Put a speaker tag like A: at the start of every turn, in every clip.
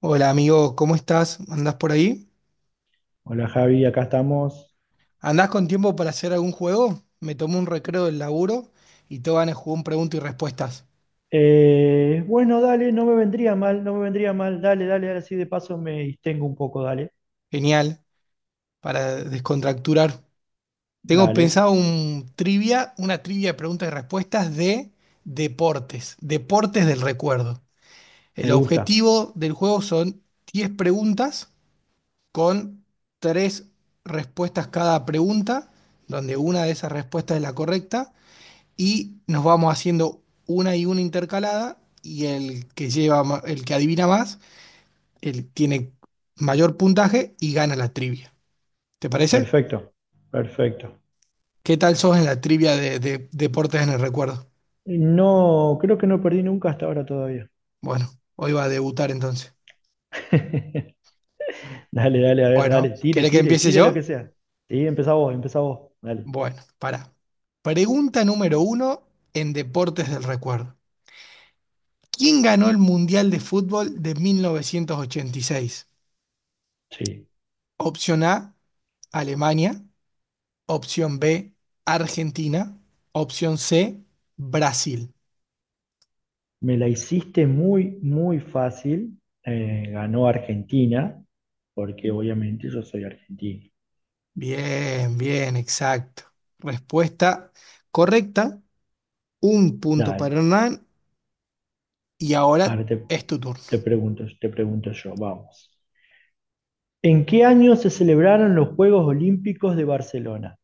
A: Hola amigo, ¿cómo estás? ¿Andás por ahí?
B: Hola Javi, acá estamos.
A: ¿Andás con tiempo para hacer algún juego? Me tomo un recreo del laburo y te van a jugar un preguntas y respuestas.
B: Bueno, dale, no me vendría mal, no me vendría mal. Dale, dale, dale, así de paso me distengo un poco, dale.
A: Genial, para descontracturar. Tengo
B: Dale,
A: pensado un trivia, una trivia de preguntas y respuestas de deportes, deportes del recuerdo.
B: me
A: El
B: gusta.
A: objetivo del juego son 10 preguntas con 3 respuestas cada pregunta, donde una de esas respuestas es la correcta y nos vamos haciendo una y una intercalada y el que lleva, el que adivina más, el tiene mayor puntaje y gana la trivia. ¿Te parece?
B: Perfecto, perfecto.
A: ¿Qué tal sos en la trivia de deportes en el recuerdo?
B: No, creo que no perdí nunca hasta ahora todavía.
A: Bueno, hoy va a debutar entonces.
B: Dale, dale, a ver,
A: Bueno,
B: dale, tire,
A: ¿querés que
B: tire,
A: empiece
B: tire lo que
A: yo?
B: sea. Sí, empezá vos, dale.
A: Bueno, para. Pregunta número uno en deportes del recuerdo. ¿Quién ganó el Mundial de Fútbol de 1986?
B: Sí,
A: Opción A, Alemania. Opción B, Argentina. Opción C, Brasil.
B: me la hiciste muy, muy fácil. Ganó Argentina, porque obviamente yo soy argentino.
A: Bien, bien, exacto. Respuesta correcta. Un punto para
B: Dale,
A: Hernán. Y ahora
B: arte.
A: es tu turno.
B: Te pregunto yo, vamos. ¿En qué año se celebraron los Juegos Olímpicos de Barcelona?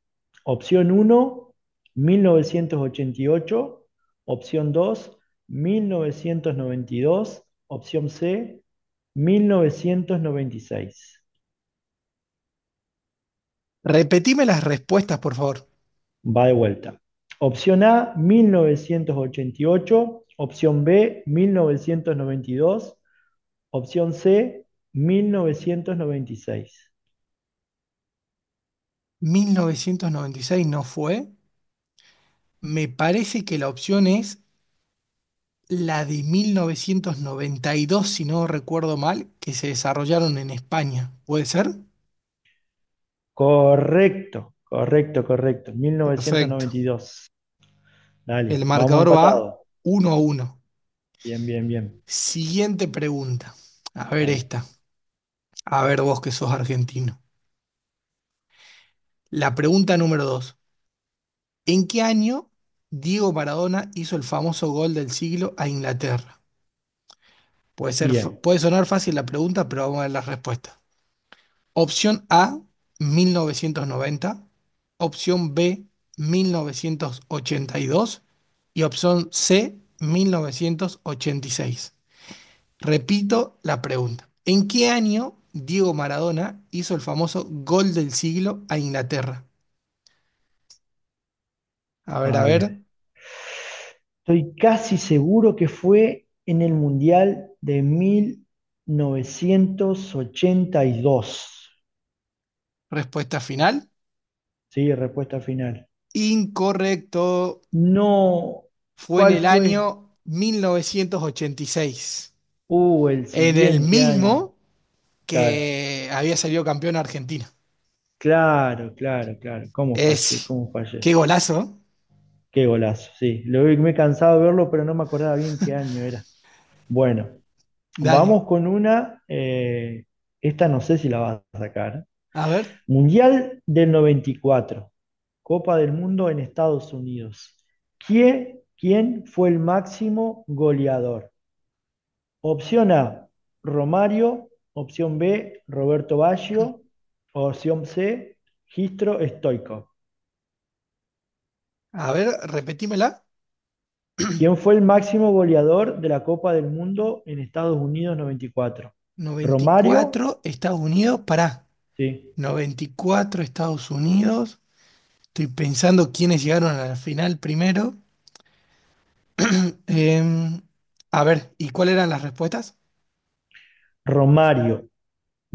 B: Opción 1, 1988. Opción 2, 1992. Opción C, 1996.
A: Repetime las respuestas, por favor.
B: Va de vuelta. Opción A, 1988. Opción B, 1992. Opción C, 1996.
A: 1996 no fue. Me parece que la opción es la de 1992, si no recuerdo mal, que se desarrollaron en España. ¿Puede ser?
B: Correcto, correcto, correcto.
A: Perfecto.
B: 1992.
A: El
B: Dale, vamos
A: marcador va
B: empatados.
A: 1-1.
B: Bien, bien, bien.
A: Siguiente pregunta. A ver
B: Dale.
A: esta. A ver vos que sos argentino. La pregunta número dos. ¿En qué año Diego Maradona hizo el famoso gol del siglo a Inglaterra? Puede ser,
B: Bien,
A: puede sonar fácil la pregunta, pero vamos a ver las respuestas. Opción A, 1990. Opción B, 1982. Y dos. Y opción C, 1986. Repito la pregunta. ¿En qué año Diego Maradona hizo el famoso gol del siglo a Inglaterra?
B: a
A: A ver,
B: ver. Estoy casi seguro que fue en el Mundial de 1982.
A: respuesta final.
B: Sí, respuesta final.
A: Incorrecto.
B: No,
A: Fue en
B: ¿cuál
A: el
B: fue?
A: año 1986.
B: El
A: En el
B: siguiente año.
A: mismo
B: Claro,
A: que había salido campeón Argentina.
B: claro, claro, claro. ¿Cómo fallé?
A: Es.
B: ¿Cómo fallé?
A: Qué golazo, ¿eh?
B: Qué golazo, sí. Me he cansado de verlo, pero no me acordaba bien qué año era. Bueno,
A: Dale.
B: vamos con una, esta no sé si la vas a sacar.
A: A ver,
B: Mundial del 94, Copa del Mundo en Estados Unidos. ¿Quién fue el máximo goleador? Opción A, Romario. Opción B, Roberto Baggio. Opción C, Gistro Stoichkov.
A: a ver, repetímela.
B: ¿Quién fue el máximo goleador de la Copa del Mundo en Estados Unidos 94?
A: Noventa y
B: ¿Romario?
A: cuatro Estados Unidos, pará.
B: Sí.
A: 94 Estados Unidos. Estoy pensando quiénes llegaron a la final primero. Em, a ver, ¿y cuáles eran las respuestas?
B: ¿Romario,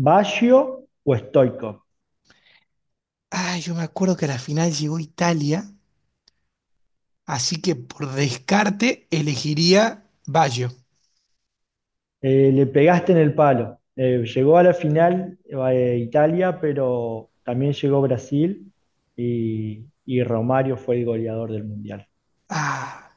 B: Baggio o Stoico?
A: Ah, yo me acuerdo que a la final llegó Italia, así que por descarte elegiría Baggio.
B: Le pegaste en el palo. Llegó a la final Italia, pero también llegó Brasil y Romario fue el goleador del Mundial.
A: Ah,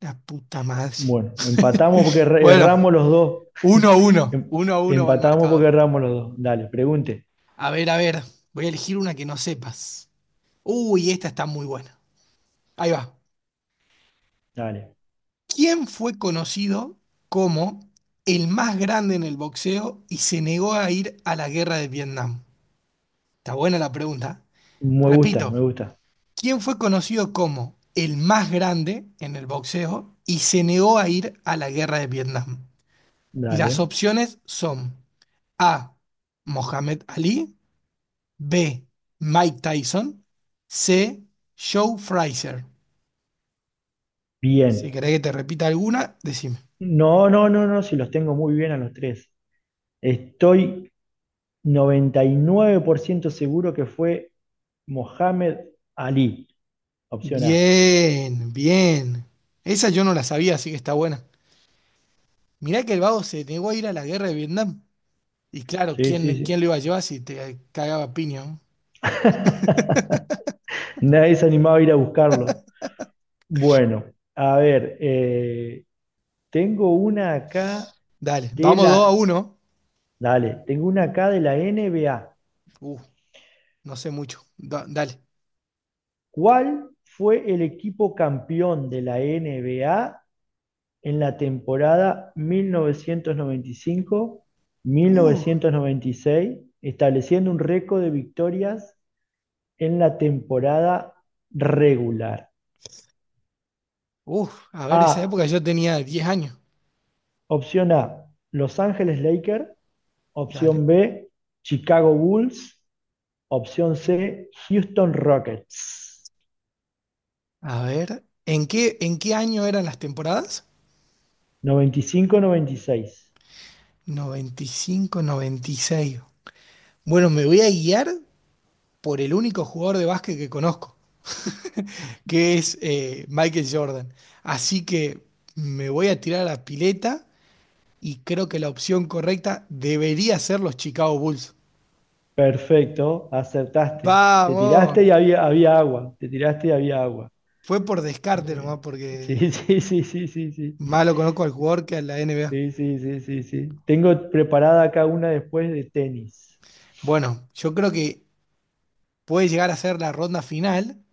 A: la puta madre.
B: Bueno, empatamos porque
A: Bueno,
B: erramos los dos.
A: uno a uno,
B: Em-
A: uno a uno va el
B: Empatamos porque
A: marcador.
B: erramos los dos. Dale, pregunte.
A: A ver, voy a elegir una que no sepas. Uy, esta está muy buena. Ahí va.
B: Dale.
A: ¿Quién fue conocido como el más grande en el boxeo y se negó a ir a la guerra de Vietnam? Está buena la pregunta.
B: Me gusta, me
A: Repito,
B: gusta.
A: ¿quién, fue conocido como el más grande en el boxeo y se negó a ir a la guerra de Vietnam? Y las
B: Dale.
A: opciones son A. Mohamed Ali, B. Mike Tyson, C. Joe Frazier. Si
B: Bien.
A: querés que te repita alguna, decime.
B: No, no, no, no, si los tengo muy bien a los tres. Estoy 99% seguro que fue Mohamed Ali, opción A.
A: Bien, bien. Esa yo no la sabía, así que está buena. Mirá que el vago se negó a ir a la guerra de Vietnam. Y claro,
B: Sí, sí,
A: ¿quién
B: sí.
A: lo iba a llevar si te cagaba a piña, ¿no?
B: Nadie se animaba a ir a buscarlo. Bueno, a ver, tengo una acá
A: Dale,
B: de
A: vamos dos a
B: la...
A: uno.
B: Dale, tengo una acá de la NBA.
A: Uh, no sé mucho. Dale.
B: ¿Cuál fue el equipo campeón de la NBA en la temporada
A: Uh,
B: 1995-1996, estableciendo un récord de victorias en la temporada regular?
A: a ver, esa
B: A,
A: época yo tenía 10 años.
B: Opción A, Los Ángeles Lakers,
A: Dale.
B: opción B, Chicago Bulls, opción C, Houston Rockets.
A: A ver, ¿en qué año eran las temporadas?
B: 95-96.
A: 95-96. Bueno, me voy a guiar por el único jugador de básquet que conozco, que es Michael Jordan. Así que me voy a tirar a la pileta y creo que la opción correcta debería ser los Chicago Bulls.
B: Perfecto, acertaste. Te tiraste
A: Vamos,
B: y había agua. Te tiraste y había agua.
A: fue por descarte
B: Muy
A: nomás,
B: bien. Sí,
A: porque
B: sí, sí, sí, sí, sí.
A: malo conozco al jugador que a la NBA.
B: Sí, sí, sí, sí, sí. Tengo preparada acá una después de tenis.
A: Bueno, yo creo que puede llegar a ser la ronda final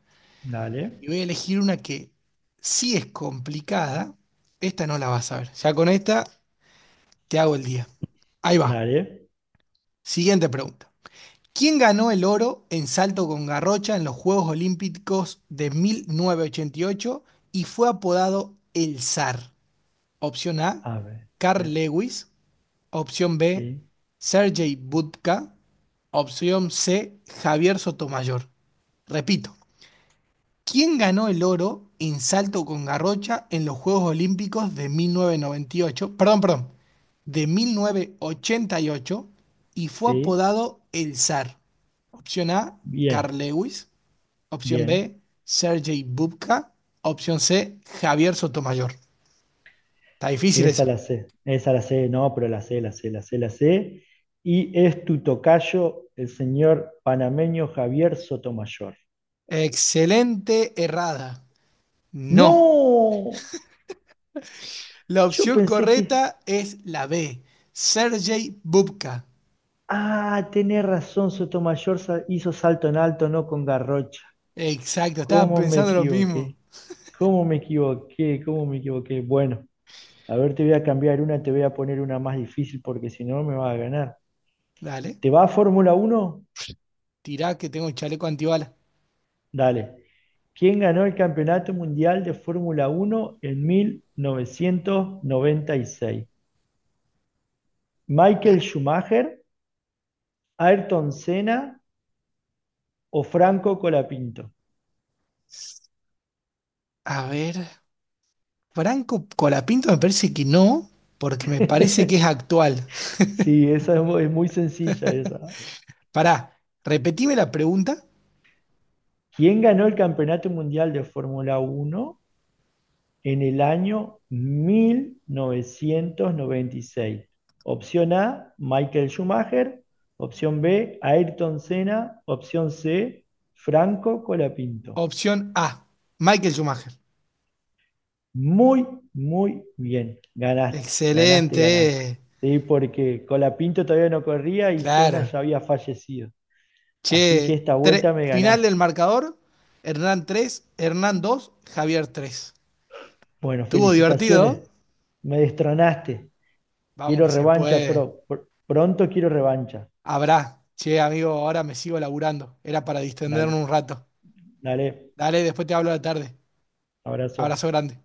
A: y
B: Dale,
A: voy a elegir una que sí es complicada. Esta no la vas a ver. Ya con esta te hago el día. Ahí va.
B: dale.
A: Siguiente pregunta. ¿Quién ganó el oro en salto con garrocha en los Juegos Olímpicos de 1988 y ocho y fue apodado el zar? Opción A,
B: A ver.
A: Carl
B: ver.
A: Lewis. Opción B,
B: Sí,
A: Sergei Budka. Opción C, Javier Sotomayor. Repito, ¿quién ganó el oro en salto con garrocha en los Juegos Olímpicos de 1998? Perdón, perdón, de 1988 y ocho y fue
B: sí.
A: apodado el zar. Opción A, Carl
B: Bien,
A: Lewis. Opción
B: bien.
A: B, Sergei Bubka. Opción C, Javier Sotomayor. Está difícil
B: Esa
A: esa.
B: la sé. Esa la sé, no, pero la sé, la sé, la sé, la sé. Y es tu tocayo, el señor panameño Javier Sotomayor.
A: Excelente errada. No.
B: ¡No!
A: La
B: Yo
A: opción
B: pensé que.
A: correcta es la B, Sergei Bubka.
B: Ah, tenés razón, Sotomayor hizo salto en alto, no con Garrocha.
A: Exacto, estaba
B: ¿Cómo me
A: pensando lo mismo.
B: equivoqué? ¿Cómo me equivoqué? ¿Cómo me equivoqué? Bueno, a ver, te voy a cambiar una, te voy a poner una más difícil porque si no me vas a ganar.
A: Dale.
B: ¿Te va a Fórmula Uno?
A: Tirá que tengo el chaleco antibalas.
B: Dale. ¿Quién ganó el Campeonato Mundial de Fórmula Uno en 1996? ¿Michael Schumacher, Ayrton Senna o Franco Colapinto?
A: A ver, Franco Colapinto me parece que no, porque me parece que es actual.
B: Sí, esa es muy sencilla esa.
A: Pará, repetime la pregunta.
B: ¿Quién ganó el Campeonato Mundial de Fórmula Uno en el año 1996? Opción A, Michael Schumacher. Opción B, Ayrton Senna. Opción C, Franco Colapinto.
A: Opción A, Michael Schumacher.
B: Muy, muy bien. Ganaste, ganaste,
A: Excelente,
B: ganaste. Sí, porque Colapinto todavía no corría y Senna
A: claro.
B: ya había fallecido. Así que
A: Che,
B: esta vuelta me
A: final
B: ganaste.
A: del marcador, Hernán 3, Hernán 2, Javier 3.
B: Bueno,
A: ¿Estuvo divertido, ¿eh?
B: felicitaciones. Me destronaste.
A: Vamos
B: Quiero
A: que se
B: revancha
A: puede.
B: pronto quiero revancha.
A: Habrá. Che, amigo, ahora me sigo laburando. Era para
B: Dale,
A: distenderme un rato.
B: dale.
A: Dale, después te hablo de la tarde.
B: Abrazo.
A: Abrazo grande.